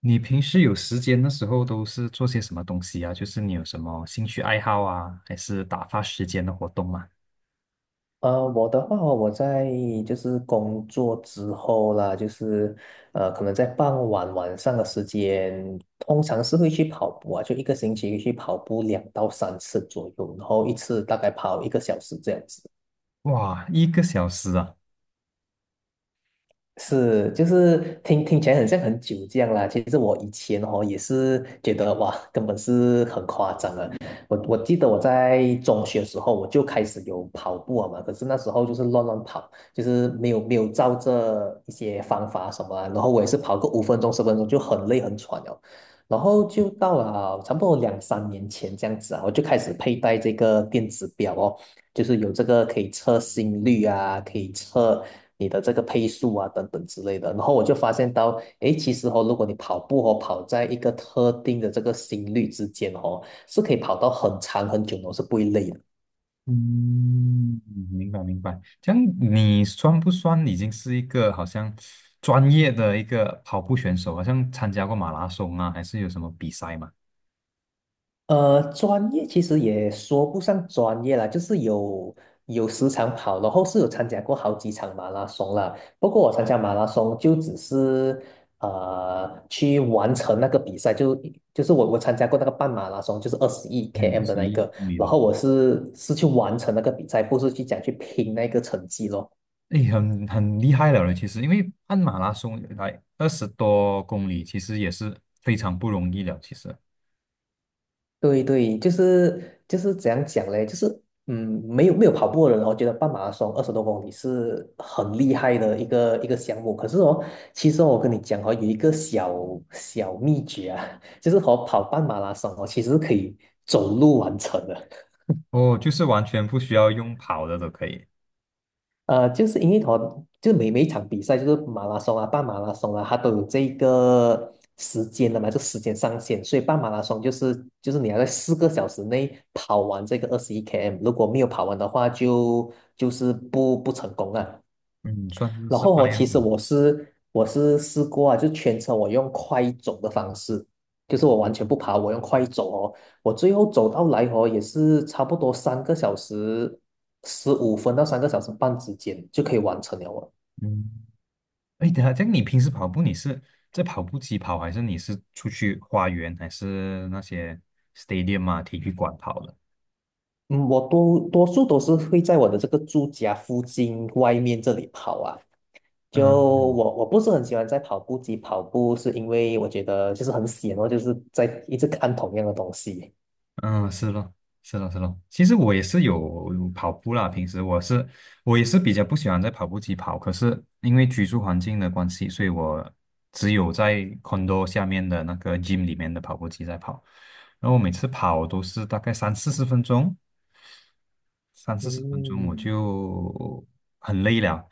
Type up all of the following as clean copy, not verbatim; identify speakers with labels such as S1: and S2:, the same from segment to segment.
S1: 你平时有时间的时候都是做些什么东西啊？就是你有什么兴趣爱好啊，还是打发时间的活动吗？
S2: 我的话哦我在就是工作之后啦，就是可能在傍晚晚上的时间，通常是会去跑步啊，就一个星期去跑步两到三次左右，然后一次大概跑一个小时这样子。
S1: 哇，一个小时啊！
S2: 是，就是听起来很像很久这样啦。其实我以前哦也是觉得哇，根本是很夸张的。我记得我在中学的时候我就开始有跑步了嘛，可是那时候就是乱乱跑，就是没有照着一些方法什么啊。然后我也是跑个5分钟10分钟就很累很喘了。然后就到了差不多两三年前这样子啊，我就开始佩戴这个电子表哦。就是有这个可以测心率啊，可以测你的这个配速啊，等等之类的。然后我就发现到，诶，其实哦，如果你跑步哦，跑在一个特定的这个心率之间哦，是可以跑到很长很久的哦，是不会累的。
S1: 嗯，明白明白。这样你算不算已经是一个好像专业的一个跑步选手？好像参加过马拉松啊，还是有什么比赛吗？
S2: 专业其实也说不上专业啦，就是有时常跑，然后是有参加过好几场马拉松啦。不过我参加马拉松就只是去完成那个比赛，就是我参加过那个半马拉松，就是二十一
S1: 嗯，二
S2: km 的
S1: 十
S2: 那一
S1: 一
S2: 个，
S1: 公里
S2: 然
S1: 的，
S2: 后我是去完成那个比赛，不是去讲去拼那个成绩咯。
S1: 诶，很厉害了嘞，其实因为按马拉松来20多公里，其实也是非常不容易了，其实。
S2: 对对，就是怎样讲嘞，就是嗯，没有跑步的人我觉得半马拉松20多公里是很厉害的一个项目。可是哦，其实哦我跟你讲哦，有一个小小秘诀啊，就是和跑半马拉松哦，其实是可以走路完成的。
S1: 哦，就是完全不需要用跑的都可以。
S2: 就是因为它就每一场比赛，就是马拉松啊、半马拉松啊，它都有这个时间的嘛，就时间上限。所以半马拉松就是你要在4个小时内跑完这个二十一 km，如果没有跑完的话就，就是不成功啊。
S1: 嗯，算是
S2: 然
S1: 是半
S2: 后哦，
S1: 样
S2: 其实
S1: 嘛。
S2: 我是试过啊，就全程我用快走的方式，就是我完全不爬，我用快走哦。我最后走到来哦，也是差不多3个小时15分到3个小时半之间就可以完成了哦。
S1: 嗯，哎，等一下，这样你平时跑步你是在跑步机跑，还是你是出去花园，还是那些 stadium 啊体育馆跑的？
S2: 嗯，我多数都是会在我的这个住家附近外面这里跑啊。就
S1: 嗯
S2: 我不是很喜欢在跑步机跑步，是因为我觉得就是很闲哦，就是在一直看同样的东西。
S1: 嗯，是咯，是咯，是咯。其实我也是有跑步啦，平时我也是比较不喜欢在跑步机跑，可是因为居住环境的关系，所以我只有在 condo 下面的那个 gym 里面的跑步机在跑。然后我每次跑都是大概三四十分钟，三四十分钟我
S2: 嗯，
S1: 就很累了。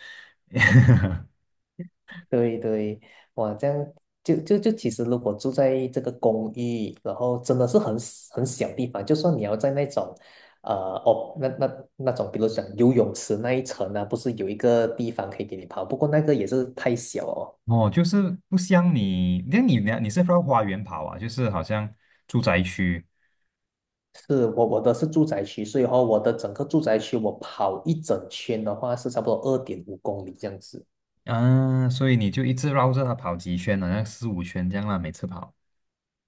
S2: 对对，哇，这样就其实如果住在这个公寓，然后真的是很 很小地方，就算你要在那种，呃，哦，那种，比如讲游泳池那一层呢、不是有一个地方可以给你跑，不过那个也是太小哦。
S1: 哦，就是不像你，那你呢？你是绕花园跑啊？就是好像住宅区。
S2: 是，我的是住宅区，所以话我的整个住宅区我跑一整圈的话是差不多2.5公里这样子。
S1: 啊，所以你就一直绕着它跑几圈，好像四五圈这样啦，每次跑。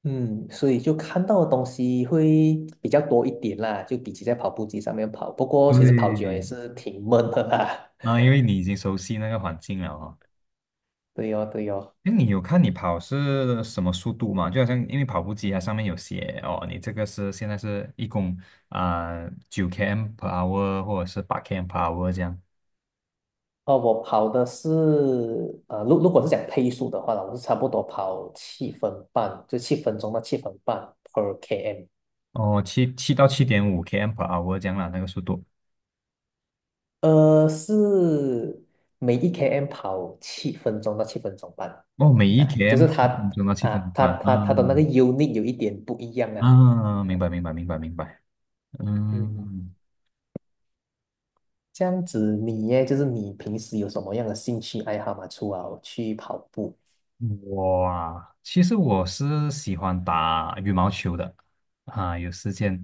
S2: 嗯，所以就看到的东西会比较多一点啦，就比起在跑步机上面跑。不过其实跑久了也
S1: 对，
S2: 是挺闷的啦。
S1: 啊，因为你已经熟悉那个环境了哦。
S2: 对哦，对哦。
S1: 哎，你有看你跑是什么速度吗？就好像因为跑步机它上面有写哦，你这个是现在是一共啊9 km per hour 或者是8 km per hour 这样。
S2: 哦，我跑的是，如果是讲配速的话呢，我是差不多跑七分半，就七分钟到七分半 per km。
S1: 哦，七到7.5 km per hour 这样啦，那个速度。
S2: 是每一 km 跑7分钟到7分钟半。
S1: 哦，每一
S2: 啊，就
S1: km
S2: 是
S1: 七
S2: 它
S1: 分钟到七分
S2: 啊，它
S1: 半。
S2: 它它的那个
S1: 嗯，
S2: unit 有一点不一样啊。
S1: 啊，明白明白明白明白。
S2: 嗯。
S1: 嗯。
S2: 这样子你耶，就是你平时有什么样的兴趣爱好吗？除了去跑步
S1: 我啊，其实我是喜欢打羽毛球的啊，有时间，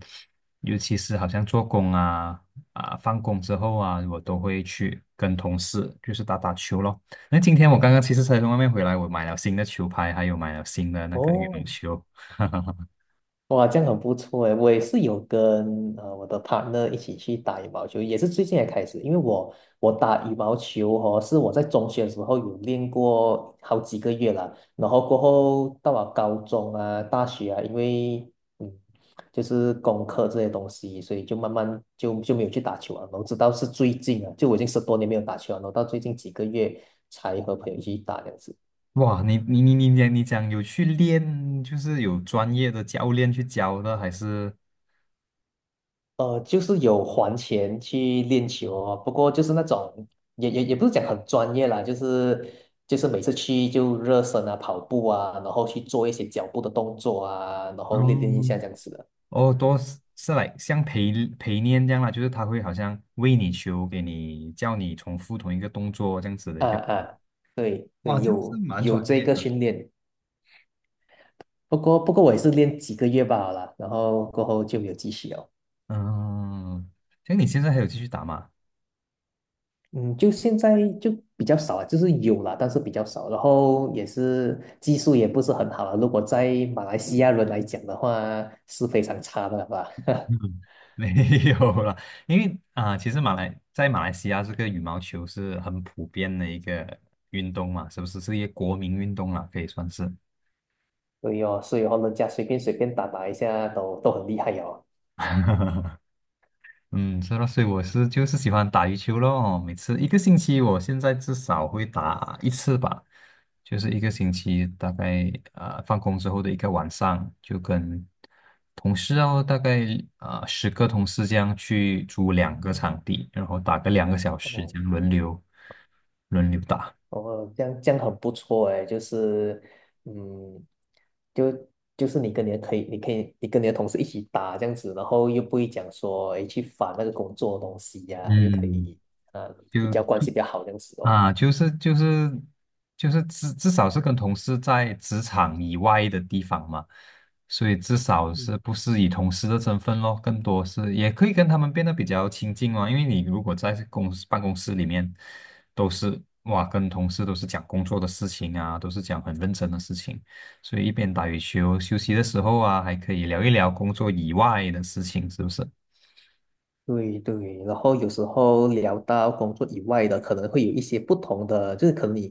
S1: 尤其是好像做工啊，放工之后啊，我都会去跟同事就是打打球咯。那今天我刚刚其实才从外面回来，我买了新的球拍，还有买了新的那个羽毛
S2: 哦，
S1: 球。
S2: 哇，这样很不错诶。我也是有跟我的 partner 一起去打羽毛球，也是最近才开始。因为我打羽毛球哦，是我在中学的时候有练过好几个月了，然后过后到了高中啊、大学啊，因为嗯就是功课这些东西，所以就慢慢就没有去打球啊。然后直到是最近啊，就我已经10多年没有打球了，然后到最近几个月才和朋友一起打这样子。
S1: 哇，你讲有去练，就是有专业的教练去教的，还是？
S2: 就是有还钱去练球哦，不过就是那种也不是讲很专业啦，就是每次去就热身啊、跑步啊，然后去做一些脚步的动作啊，然后练练一下
S1: 哦，
S2: 这样子的。
S1: 哦，多是来像陪练这样啦，就是他会好像为你球，给你叫你重复同一个动作这样子的一
S2: 啊
S1: 个。
S2: 啊，对对，
S1: 哇，这样是
S2: 有
S1: 蛮
S2: 有
S1: 专
S2: 这
S1: 业
S2: 个
S1: 的。
S2: 训练，不过我也是练几个月罢了啦，然后过后就没有继续哦。
S1: 嗯，像你现在还有继续打吗？
S2: 嗯，就现在就比较少啊，就是有啦，但是比较少。然后也是技术也不是很好啊，如果在马来西亚人来讲的话，是非常差的吧？
S1: 嗯 没有了，因为啊、其实在马来西亚这个羽毛球是很普遍的一个运动嘛，是不是是一个国民运动啦，可以算是。
S2: 所以哦人家随便随便打打一下都很厉害哦。
S1: 嗯，是咯，所以我是就是喜欢打羽球咯。哦每次一个星期，我现在至少会打一次吧，就是一个星期大概放工之后的一个晚上，就跟同事哦，大概10个同事这样去租两个场地，然后打个两个小时，
S2: 哦
S1: 这样轮流打。
S2: 哦，这样很不错哎，就是嗯，就就是你可以你跟你的同事一起打这样子，然后又不会讲说诶去烦那个工作的东西呀、又可
S1: 嗯，
S2: 以呃比较
S1: 就
S2: 关系比较好这样子哦。
S1: 啊，就是至少是跟同事在职场以外的地方嘛，所以至少是不是以同事的身份咯，更多是也可以跟他们变得比较亲近哦。因为你如果在公司办公室里面，都是哇跟同事都是讲工作的事情啊，都是讲很认真的事情，所以一边打羽球休息的时候啊，还可以聊一聊工作以外的事情，是不是？
S2: 对对，然后有时候聊到工作以外的，可能会有一些不同的，就是可能你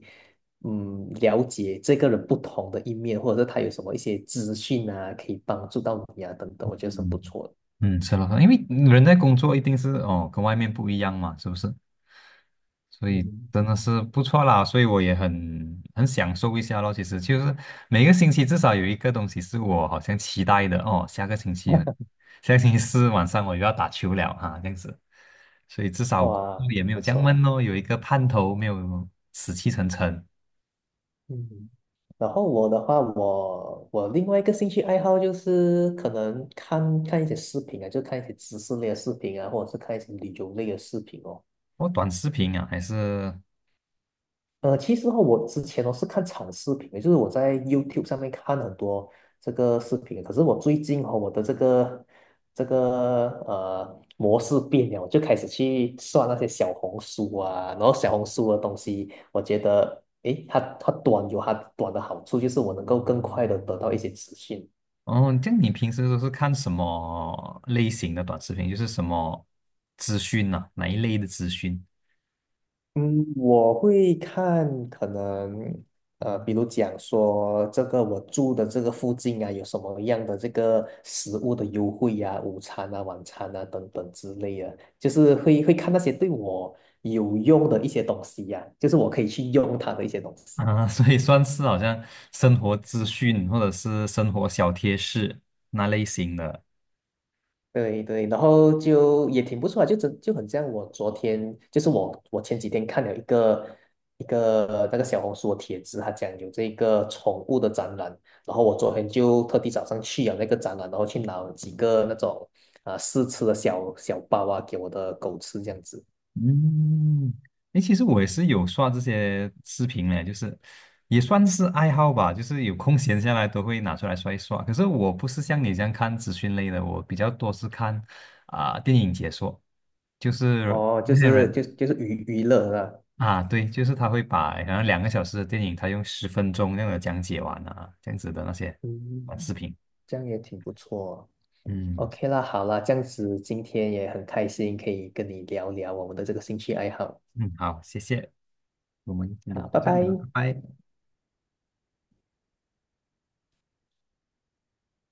S2: 了解这个人不同的一面，或者是他有什么一些资讯啊，可以帮助到你啊等等，我觉得是很不
S1: 嗯。
S2: 错的。
S1: 嗯，是了，因为人在工作一定是哦，跟外面不一样嘛，是不是？所以
S2: 嗯，
S1: 真的是不错啦，所以我也很享受一下咯。其实就是每个星期至少有一个东西是我好像期待的哦，下个星期啊，下个星期四晚上我又要打球了哈，这样子。所以至少工作
S2: 哇，
S1: 也没有
S2: 不
S1: 这样
S2: 错，
S1: 闷咯，有一个盼头，没有死气沉沉。
S2: 嗯，然后我的话，我另外一个兴趣爱好就是可能看看一些视频啊，就看一些知识类的视频啊，或者是看一些旅游类的视频哦。
S1: 我短视频啊，还是
S2: 其实哈，我之前哦是看长视频的，就是我在 YouTube 上面看很多这个视频，可是我最近哦，我的这个模式变了，我就开始去刷那些小红书啊，然后小红书的东西，我觉得诶，它短有它短的好处，就是我能够更快的得到一些资讯。
S1: 哦，这样你平时都是看什么类型的短视频？就是什么资讯呐、哪一类的资讯
S2: 嗯，我会看可能比如讲说这个我住的这个附近啊，有什么样的这个食物的优惠呀、午餐啊、晚餐啊等等之类的，就是会看那些对我有用的一些东西呀、就是我可以去用它的一些东西。
S1: 啊？所以算是好像生活资讯或者是生活小贴士那类型的。
S2: 对对，然后就也挺不错啊就真就很像我昨天，就是我前几天看了一个那个小红书的帖子，他讲有这个宠物的展览，然后我昨天就特地早上去了那个展览，然后去拿了几个那种啊、试吃的小小包啊给我的狗吃这样子，
S1: 嗯，诶，其实我也是有刷这些视频嘞，就是也算是爱好吧，就是有空闲下来都会拿出来刷一刷。可是我不是像你这样看资讯类的，我比较多是看啊、电影解说，就是
S2: 哦，就
S1: 那些
S2: 是
S1: 人。
S2: 就就是娱乐啦，
S1: 啊，对，就是他会把好像两个小时的电影，他用十分钟那样的讲解完啊，这样子的那些短视
S2: 嗯，
S1: 频。
S2: 这样也挺不错。
S1: 嗯
S2: OK 啦，好啦，这样子今天也很开心，可以跟你聊聊我们的这个兴趣爱好。
S1: 嗯，好，谢谢，我们有
S2: 好，
S1: 空
S2: 拜
S1: 再聊，
S2: 拜。
S1: 拜拜。